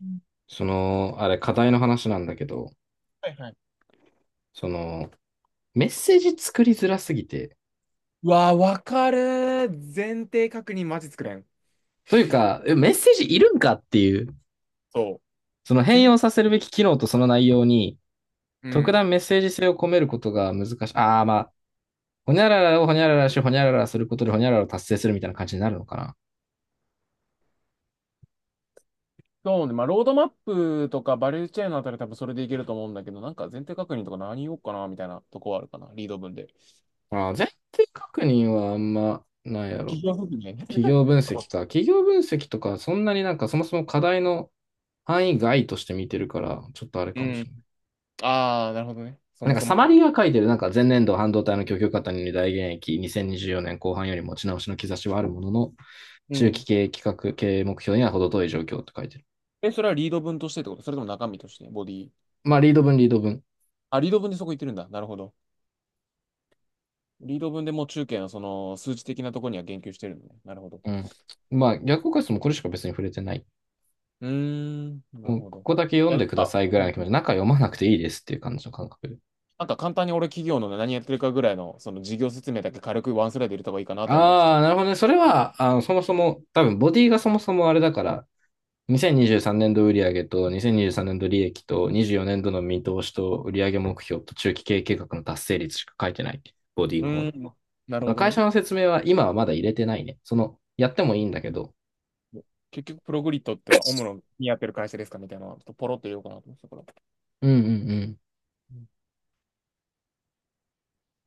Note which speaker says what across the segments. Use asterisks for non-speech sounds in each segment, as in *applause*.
Speaker 1: うん。
Speaker 2: その、あれ、課題の話なんだけど、
Speaker 1: はいはい。
Speaker 2: その、メッセージ作りづらすぎて、
Speaker 1: うわー、わかるー。前提確認マジ作れん。
Speaker 2: というか、メッセージいるんかっていう、
Speaker 1: そう。
Speaker 2: その変
Speaker 1: 前、
Speaker 2: 容させるべき機能とその内容に、
Speaker 1: う
Speaker 2: 特
Speaker 1: ん。
Speaker 2: 段メッセージ性を込めることが難しい。ああ、まあ、ほにゃららをほにゃららし、ほにゃららすることでほにゃららを達成するみたいな感じになるのかな。
Speaker 1: そうね。まあ、ロードマップとかバリューチェーンのあたり多分それでいけると思うんだけど、なんか前提確認とか何言おうかなみたいなとこはあるかな。リード文で。
Speaker 2: ああ、前提確認はあんまないやろ。
Speaker 1: 企業説明ね。
Speaker 2: 企業分析か。企業分析とか、そんなになんかそもそも課題の範囲外として見てるから、ちょっとあれ
Speaker 1: う
Speaker 2: かもし
Speaker 1: ん。
Speaker 2: れない。
Speaker 1: ああ、なるほどね。そ
Speaker 2: なん
Speaker 1: も
Speaker 2: か
Speaker 1: そ
Speaker 2: サ
Speaker 1: も
Speaker 2: マ
Speaker 1: か。
Speaker 2: リーが書いてる、なんか前年度半導体の供給過多により大減益、2024年後半より持ち直しの兆しはあるものの、
Speaker 1: う
Speaker 2: 中
Speaker 1: ん。
Speaker 2: 期経営企画経営目標には程遠い状況って書いてる。
Speaker 1: え、それはリード文としてってこと、それとも中身としてボディ。
Speaker 2: まあ、リード文リード文。
Speaker 1: あ、リード文でそこ言ってるんだ。なるほど。リード文でもう中堅のその数値的なところには言及してるのね。なるほど。
Speaker 2: うん。まあ、逆効果室もうこれしか別に触れてない。
Speaker 1: うーん。なる
Speaker 2: もう
Speaker 1: ほ
Speaker 2: こ
Speaker 1: ど。
Speaker 2: こだけ
Speaker 1: い
Speaker 2: 読
Speaker 1: や、
Speaker 2: ん
Speaker 1: な
Speaker 2: で
Speaker 1: ん
Speaker 2: くだ
Speaker 1: か、
Speaker 2: さいぐ
Speaker 1: う
Speaker 2: らい
Speaker 1: ん、
Speaker 2: の気持ち、中読まなくていいですっていう感じの感覚で。
Speaker 1: なんか簡単に俺、企業のね、何やってるかぐらいの、その事業説明だけ軽くワンスライド入れた方がいいかなとは思ってた。
Speaker 2: ああ、なるほどね。それは、あの、そもそも、多分、ボディがそもそもあれだから、2023
Speaker 1: う
Speaker 2: 年度売上と2023年度利益と24年度の見通しと売上目標と中期経営計画の達成率しか書いてない。ボディ
Speaker 1: ー
Speaker 2: の方に。
Speaker 1: ん、なる
Speaker 2: あ
Speaker 1: ほ
Speaker 2: の、
Speaker 1: ど
Speaker 2: 会
Speaker 1: ね。
Speaker 2: 社の説明は今はまだ入れてないね。その、やってもいいんだけど。
Speaker 1: 結局、プログリッドってか、主にやってる会社ですかみたいなのをちょっとポロッと言おうかなと思ってたから。
Speaker 2: うんうんう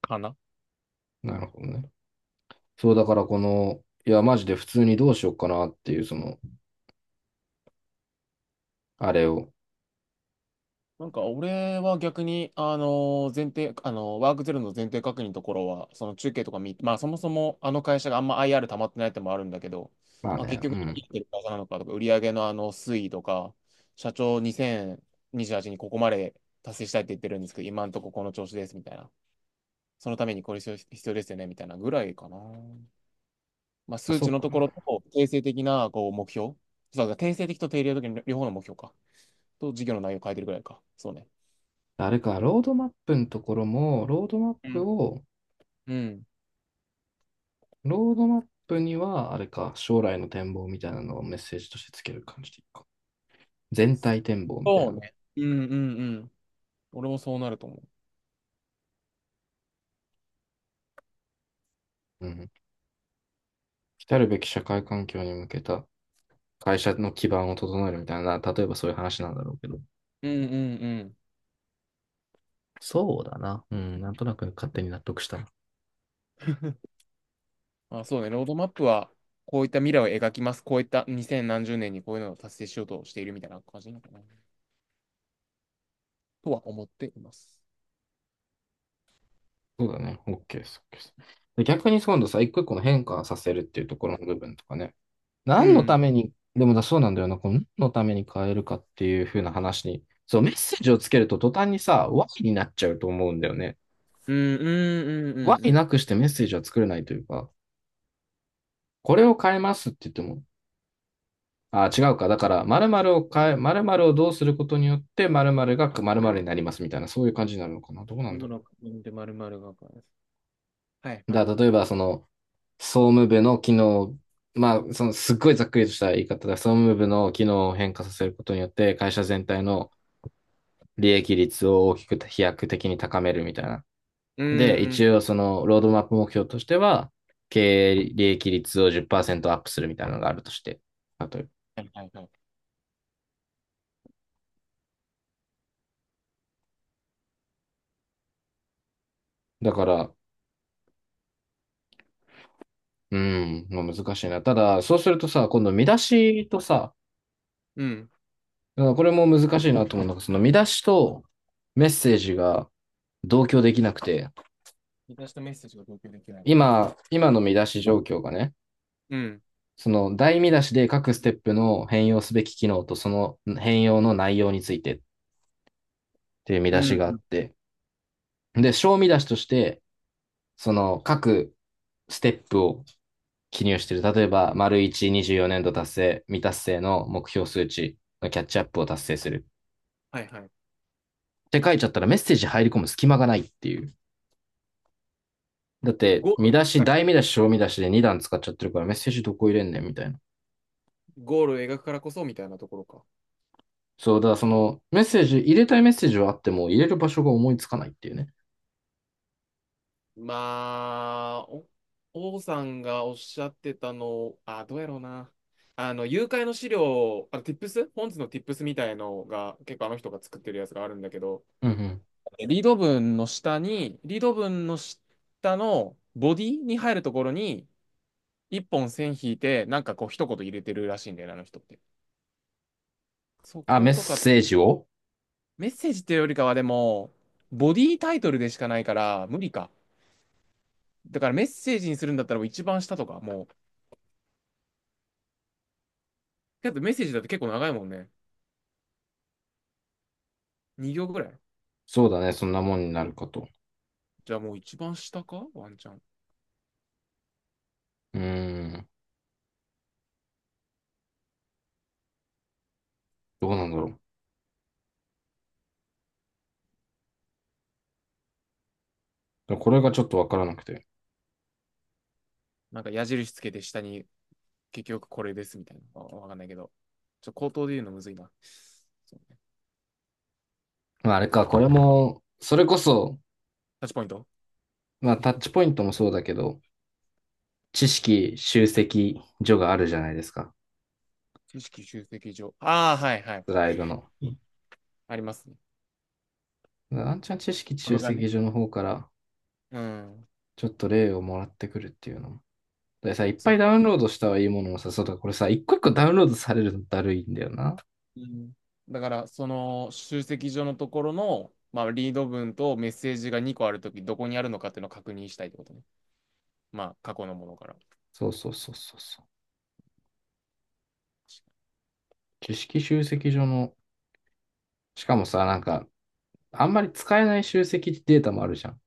Speaker 1: かな。
Speaker 2: ん。なるほどね。そう、だからこの、いや、マジで普通にどうしようかなっていう、その、あれを。
Speaker 1: なんか俺は逆に、前提、ワークゼロの前提確認のところは、その中継とか見、まあそもそもあの会社があんま IR 溜まってないってのもあるんだけど、
Speaker 2: まあ
Speaker 1: まあ
Speaker 2: ね、
Speaker 1: 結
Speaker 2: う
Speaker 1: 局何や
Speaker 2: ん。
Speaker 1: ってる会社なのかとか、売上のあの推移とか、社長2028にじゅうはちにここまで達成したいって言ってるんですけど、今んとここの調子ですみたいな。そのためにこれ必要ですよねみたいなぐらいかな。まあ
Speaker 2: あ、
Speaker 1: 数
Speaker 2: そっ
Speaker 1: 値のところ
Speaker 2: か。
Speaker 1: と、定性的なこう目標。そうだ、定性的と定量的の両方の目標か。と、事業の内容を変えてるぐらいか。そうね。
Speaker 2: あれか、ロードマップのところも、ロードマッ
Speaker 1: うん
Speaker 2: プを、
Speaker 1: うん。
Speaker 2: ロードマップには、あれか、将来の展望みたいなのをメッセージとしてつける感じでいいか。全体展望みたい
Speaker 1: そう
Speaker 2: な。
Speaker 1: ね。うんうんうん。俺もそうなると思う。
Speaker 2: うん。来たるべき社会環境に向けた会社の基盤を整えるみたいな、例えばそういう話なんだろうけど。
Speaker 1: うんうんうん。
Speaker 2: そうだな。うん、なんとなく勝手に納得した。
Speaker 1: *laughs* まあそうね、ロードマップは、こういった未来を描きます。こういった2 0何十年にこういうのを達成しようとしているみたいな感じなのかな。とは思っています。
Speaker 2: そうだね。OK です。OK です。で逆に今度さ、一個一個の変化させるっていうところの部分とかね。
Speaker 1: う
Speaker 2: 何のた
Speaker 1: ん。
Speaker 2: めに、でもだそうなんだよな。この何のために変えるかっていう風な話に、そう、メッセージをつけると途端にさ、ワイになっちゃうと思うんだよね。
Speaker 1: うんうんうんうん
Speaker 2: Y
Speaker 1: う
Speaker 2: な
Speaker 1: ん。
Speaker 2: くしてメッセージは作れないというか、これを変えますって言っても、あ、違うか。だから、〇〇を変え、〇〇をどうすることによって、〇〇が〇〇になりますみたいな、そういう感じになるのかな。どうなん
Speaker 1: ロ
Speaker 2: だ
Speaker 1: ム
Speaker 2: ろ
Speaker 1: ロ君で丸々がかです。はい
Speaker 2: う。
Speaker 1: は
Speaker 2: だ
Speaker 1: い
Speaker 2: から
Speaker 1: は
Speaker 2: 例え
Speaker 1: い。
Speaker 2: ば、その、総務部の機能、まあ、その、すっごいざっくりとした言い方で、総務部の機能を変化させることによって、会社全体の利益率を大きく飛躍的に高めるみたいな。
Speaker 1: うん
Speaker 2: で、
Speaker 1: う
Speaker 2: 一
Speaker 1: ん。
Speaker 2: 応、その、ロードマップ目標としては、経営利益率を10%アップするみたいなのがあるとして、例えば。
Speaker 1: はいはいはい。
Speaker 2: だから、うん、まあ、難しいな。ただ、そうするとさ、今度見出しとさ、
Speaker 1: うん。
Speaker 2: これも難しいなと思うのがその見出しとメッセージが同居できなくて、
Speaker 1: 私とメッセージが同居できない。
Speaker 2: 今の見出し状況がね、
Speaker 1: うん。
Speaker 2: その大見出しで各ステップの変容すべき機能とその変容の内容についてっていう見
Speaker 1: う
Speaker 2: 出
Speaker 1: ん
Speaker 2: しがあ
Speaker 1: う
Speaker 2: っ
Speaker 1: ん。
Speaker 2: て、で、小見出しとして、その各ステップを記入してる。例えば、丸1、24年度達成、未達成の目標数値のキャッチアップを達成する。
Speaker 1: はいはい。
Speaker 2: って書いちゃったらメッセージ入り込む隙間がないっていう。だって、
Speaker 1: ゴール
Speaker 2: 見出
Speaker 1: を描く
Speaker 2: し、
Speaker 1: から、
Speaker 2: 大見出し、小見出しで2段使っちゃってるからメッセージどこ入れんねんみたいな。
Speaker 1: ゴールを描くからこそみたいなところか。
Speaker 2: そう、だからそのメッセージ、入れたいメッセージはあっても入れる場所が思いつかないっていうね。
Speaker 1: まあ、お、王さんがおっしゃってたの、あ、どうやろうな。あの、誘拐の資料、あの、ティップス、本日のティップスみたいのが、結構あの人が作ってるやつがあるんだけど、
Speaker 2: うんうん。
Speaker 1: リード文の下に、リード文の下のボディに入るところに、一本線引いて、なんかこう一言入れてるらしいんだよね、あの人って。そ
Speaker 2: あ、
Speaker 1: こ
Speaker 2: メッ
Speaker 1: とか、
Speaker 2: セージを、
Speaker 1: メッセージっていうよりかはでも、ボディタイトルでしかないから、無理か。だからメッセージにするんだったらもう一番下とか、もう、けどメッセージだって結構長いもんね。2行ぐらい。
Speaker 2: そうだね、そんなもんになるかと。
Speaker 1: じゃあもう一番下かワンチャン。
Speaker 2: うーん、どうなんだろう。これがちょっとわからなくて。
Speaker 1: なんか矢印つけて下に結局これですみたいな。わ、わかんないけど。ちょっと口頭で言うのむずいな。そうね、
Speaker 2: まあ、あれか、これも、それこそ、
Speaker 1: タッチポイント、
Speaker 2: まあ、タッチポイントもそうだけど、知識集積所があるじゃないですか。
Speaker 1: 知識集積上。ああ、はいはい。
Speaker 2: スライドの。
Speaker 1: うん、ありますね。
Speaker 2: あんちゃん知識
Speaker 1: こ
Speaker 2: 集
Speaker 1: れが
Speaker 2: 積
Speaker 1: ね。
Speaker 2: 所の方から
Speaker 1: うん。
Speaker 2: ちょっと例をもらってくるっていうのも。でさ、いっ
Speaker 1: そ
Speaker 2: ぱい
Speaker 1: の、
Speaker 2: ダウンロードしたはいいものをさ、そうだ、これさ、一個一個ダウンロードされるのだるいんだよな。
Speaker 1: うん、だから、その集積所のところの、まあ、リード文とメッセージが2個あるとき、どこにあるのかっていうのを確認したいってことね。まあ、過去のものから。
Speaker 2: そうそうそうそうそう。知識集積所の、しかもさ、なんか、あんまり使えない集積データもあるじゃん。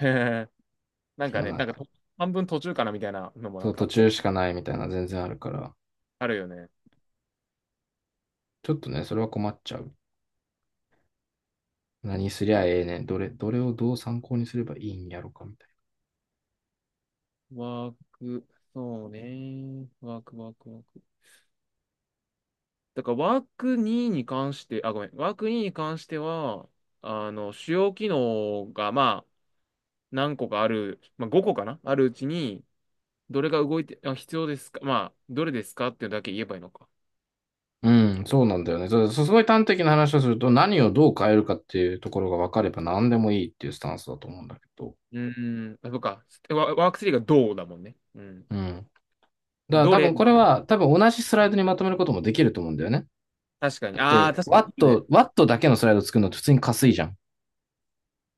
Speaker 1: へへ *laughs* なん
Speaker 2: そ
Speaker 1: か
Speaker 2: の
Speaker 1: ね、
Speaker 2: なん
Speaker 1: なん
Speaker 2: か、
Speaker 1: か半分途中かなみたいなのもな
Speaker 2: そ
Speaker 1: ん
Speaker 2: う、
Speaker 1: か
Speaker 2: 途
Speaker 1: あった
Speaker 2: 中
Speaker 1: り、
Speaker 2: しかないみたいな全然あるから、
Speaker 1: あるよね。
Speaker 2: ちょっとね、それは困っちゃう。何すりゃええねん。どれをどう参考にすればいいんやろかみたいな。
Speaker 1: ワーク、そうね。ワーク。だからワーク2に関して、あ、ごめん。ワーク2に関しては、あの、主要機能が、まあ、何個かある、まあ、5個かなあるうちに、どれが動いて、あ、必要ですか、まあ、どれですかっていうだけ言えばいいのか。
Speaker 2: うん、そうなんだよね。そう、そうすごい端的な話をすると、何をどう変えるかっていうところが分かれば何でもいいっていうスタンスだと思うんだけど、
Speaker 1: うん、あ、そうか。ワ、ワーク3がどうだもんね。うん。
Speaker 2: うん。だから
Speaker 1: ど
Speaker 2: 多
Speaker 1: れ、
Speaker 2: 分これは、多分同じスライドにまとめることもできると思うんだよね。
Speaker 1: 確かに。
Speaker 2: だっ
Speaker 1: ああ、
Speaker 2: て、
Speaker 1: 確か
Speaker 2: ワッ
Speaker 1: に。
Speaker 2: ト、ワットだけのスライド作るのって普通にかすいじゃん。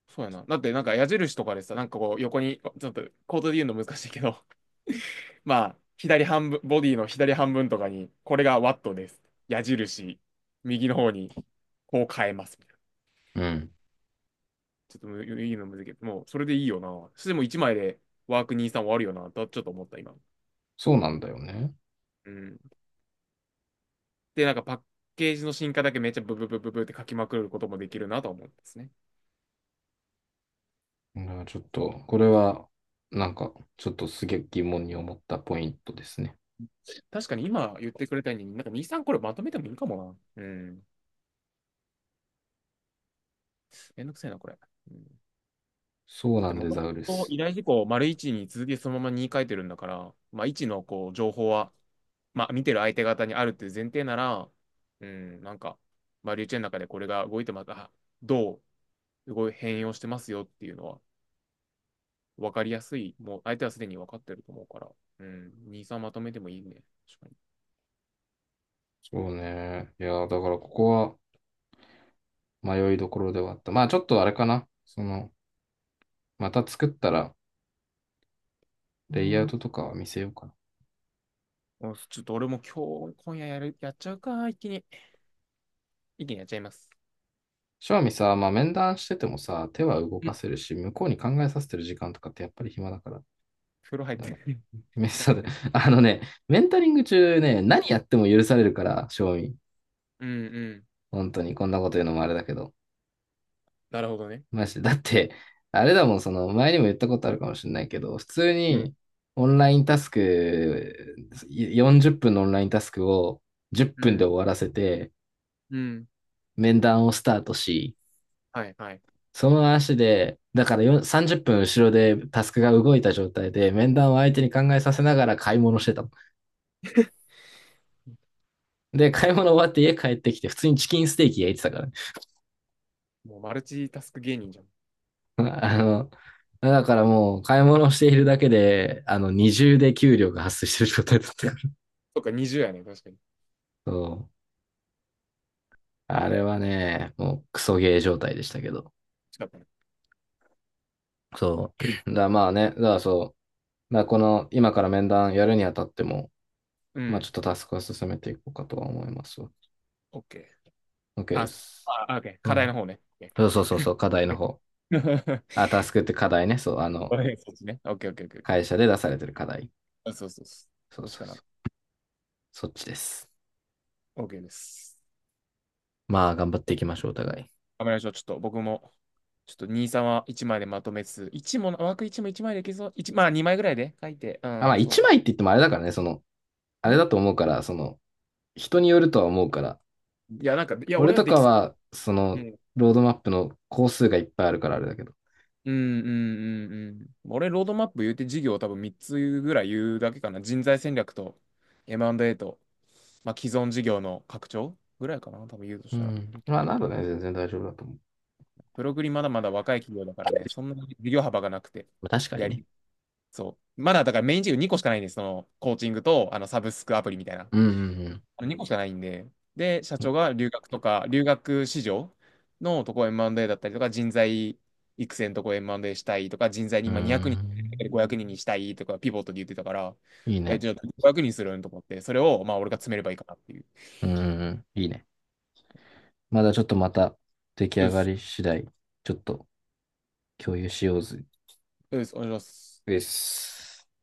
Speaker 1: そうやな。だってなんか矢印とかでさ、なんかこう横に、ちょっとコードで言うの難しいけど、*laughs* まあ、左半分、ボディの左半分とかに、これがワットです。矢印、右の方に、こう変えます、みたいな。
Speaker 2: うん。
Speaker 1: ちょっとむ、言うの難しいけど、もうそれでいいよな。そしてもう1枚でワークにじゅうさん終わるよな、とちょっと思った、今。
Speaker 2: そうなんだよね。
Speaker 1: うん。で、なんかパッケージの進化だけめっちゃブブブブブって書きまくることもできるなと思うんですね。
Speaker 2: だからちょっと、これは、なんか、ちょっとすげえ疑問に思ったポイントですね。
Speaker 1: 確かに今言ってくれたように、なんかにさんこれまとめてもいいかもな。うん。めんどくせえな、これ。うん。
Speaker 2: そう
Speaker 1: だっ
Speaker 2: な
Speaker 1: て
Speaker 2: ん
Speaker 1: も
Speaker 2: で
Speaker 1: と
Speaker 2: ザ
Speaker 1: も
Speaker 2: ウル
Speaker 1: と
Speaker 2: ス。
Speaker 1: 依頼事項を丸1に続きそのままに書いてるんだから、まあ1のこう情報は、まあ見てる相手方にあるっていう前提なら、うん、なんか、丸1の中でこれが動いてまた、どう動い変容してますよっていうのは分かりやすい。もう相手はすでに分かってると思うから、うん、2、3まとめてもいいね。確かに。
Speaker 2: そうね。いやー、だからここは迷いどころではあった。まあちょっとあれかな。その、また作ったら、レイアウトとかは見せようかな。
Speaker 1: お、ちょっと俺も今日、今夜やる、やっちゃうか、一気に。一気にやっちゃいます。
Speaker 2: 正味さ、まあ、面談しててもさ、手は動
Speaker 1: うん、
Speaker 2: かせるし、向こうに考えさせてる時間とかってやっぱり暇だから。
Speaker 1: 風呂入っ
Speaker 2: だ
Speaker 1: て。*laughs*
Speaker 2: よ
Speaker 1: 風
Speaker 2: め
Speaker 1: 呂
Speaker 2: そ
Speaker 1: 入り
Speaker 2: うだ
Speaker 1: な。
Speaker 2: *laughs* あのね、メンタリング中ね、何やっても許されるから、正味。
Speaker 1: うんうん。
Speaker 2: 本当に、こんなこと言うのもあれだけど。
Speaker 1: なるほどね。
Speaker 2: マジで。だって、あれだもん、その、前にも言ったことあるかもしれないけど、普通
Speaker 1: うん
Speaker 2: に、オンラインタスク、40分のオンラインタスクを10
Speaker 1: う
Speaker 2: 分で
Speaker 1: ん
Speaker 2: 終わらせて、
Speaker 1: うん。
Speaker 2: 面談をスタートし、
Speaker 1: はいはい。
Speaker 2: その足で、だからよ30分後ろでタスクが動いた状態で、面談を相手に考えさせながら買い物してたもん。で、買い
Speaker 1: も
Speaker 2: 物終わって家帰ってきて、普通にチキンステーキ焼いてたからね。
Speaker 1: う、もうマルチタスク芸人じゃん。
Speaker 2: *laughs* あの、だからもう買い物をしているだけで、あの、二重で給料が発生してる状態だったから。
Speaker 1: そっか、20やね。確かに。
Speaker 2: *laughs* そう。あれはね、もうクソゲー状態でしたけど。
Speaker 1: 近ったね。
Speaker 2: そう。だからまあね、だからそう。だからこの、今から面談やるにあたっても、
Speaker 1: う
Speaker 2: まあち
Speaker 1: ん。
Speaker 2: ょっとタスクは進めていこうかとは思いますわ。
Speaker 1: OK。
Speaker 2: OK
Speaker 1: あ、
Speaker 2: で
Speaker 1: す、
Speaker 2: す。
Speaker 1: あ、あ OK。
Speaker 2: そ
Speaker 1: 課
Speaker 2: う
Speaker 1: 題の
Speaker 2: ね。
Speaker 1: 方ね。OK。
Speaker 2: そうそうそうそう、課題の方。あ、
Speaker 1: *laughs*
Speaker 2: タスクって課題ね。そう、あの、
Speaker 1: OK そっちね。OK、OK、OK、OK。
Speaker 2: 会社で出されてる課題。
Speaker 1: あそうそうそ
Speaker 2: そ
Speaker 1: う。
Speaker 2: う
Speaker 1: どっち
Speaker 2: そう
Speaker 1: かな。
Speaker 2: そう。そっちです。
Speaker 1: OK です。
Speaker 2: まあ、頑張っていきましょう、お互い。
Speaker 1: 頑張りましょう。ちょっと僕も、ちょっとにさんは1枚でまとめつつ、1も、枠1も1枚でいけそう。1、まあ2枚ぐらいで書いて。う
Speaker 2: あ、まあ、
Speaker 1: ん、そう
Speaker 2: 一
Speaker 1: ね。
Speaker 2: 枚って言ってもあれだからね、その、あ
Speaker 1: う
Speaker 2: れ
Speaker 1: ん、
Speaker 2: だと思うから、その、人によるとは思うから。
Speaker 1: いや、なんか、いや、
Speaker 2: 俺
Speaker 1: 俺は
Speaker 2: と
Speaker 1: で
Speaker 2: か
Speaker 1: きそ
Speaker 2: は、そ
Speaker 1: う。う
Speaker 2: の、
Speaker 1: ん。
Speaker 2: ロードマップの工数がいっぱいあるからあれだけど。
Speaker 1: うんうんうんうん。俺、ロードマップ言うて事業多分3つぐらい言うだけかな。人材戦略と M&A と、まあ、既存事業の拡張ぐらいかな。多分言うと
Speaker 2: う
Speaker 1: したら。
Speaker 2: ん。まあ、なるね、全然大丈夫だと思う。
Speaker 1: プログリまだまだ若い企業だからね、そんなに事業幅がなくて、
Speaker 2: まあ確かに
Speaker 1: や
Speaker 2: ね。
Speaker 1: り、そう。まだだからメイン事業2個しかないんです。その、コーチングと、あの、サブスクアプリみたいな。
Speaker 2: うんうん
Speaker 1: 2個しかないんで、で、社
Speaker 2: う
Speaker 1: 長
Speaker 2: ん。
Speaker 1: が留学とか、留学市場のとこ M&A だったりとか、人材育成のとこ M&A したいとか、人材に
Speaker 2: う
Speaker 1: 今200人いん
Speaker 2: ん。
Speaker 1: 500人にんにしたいとか、ピボットで言ってたから、
Speaker 2: いい
Speaker 1: え、
Speaker 2: ね。
Speaker 1: じゃあ500人するんと思って、それをまあ俺が詰めればいいかなっていう。
Speaker 2: うんうんうん。いいね。まだちょっとまた出来上
Speaker 1: よ
Speaker 2: が
Speaker 1: し、
Speaker 2: り次第、ちょっと共有しようぜ。
Speaker 1: よし、お願いします。
Speaker 2: です。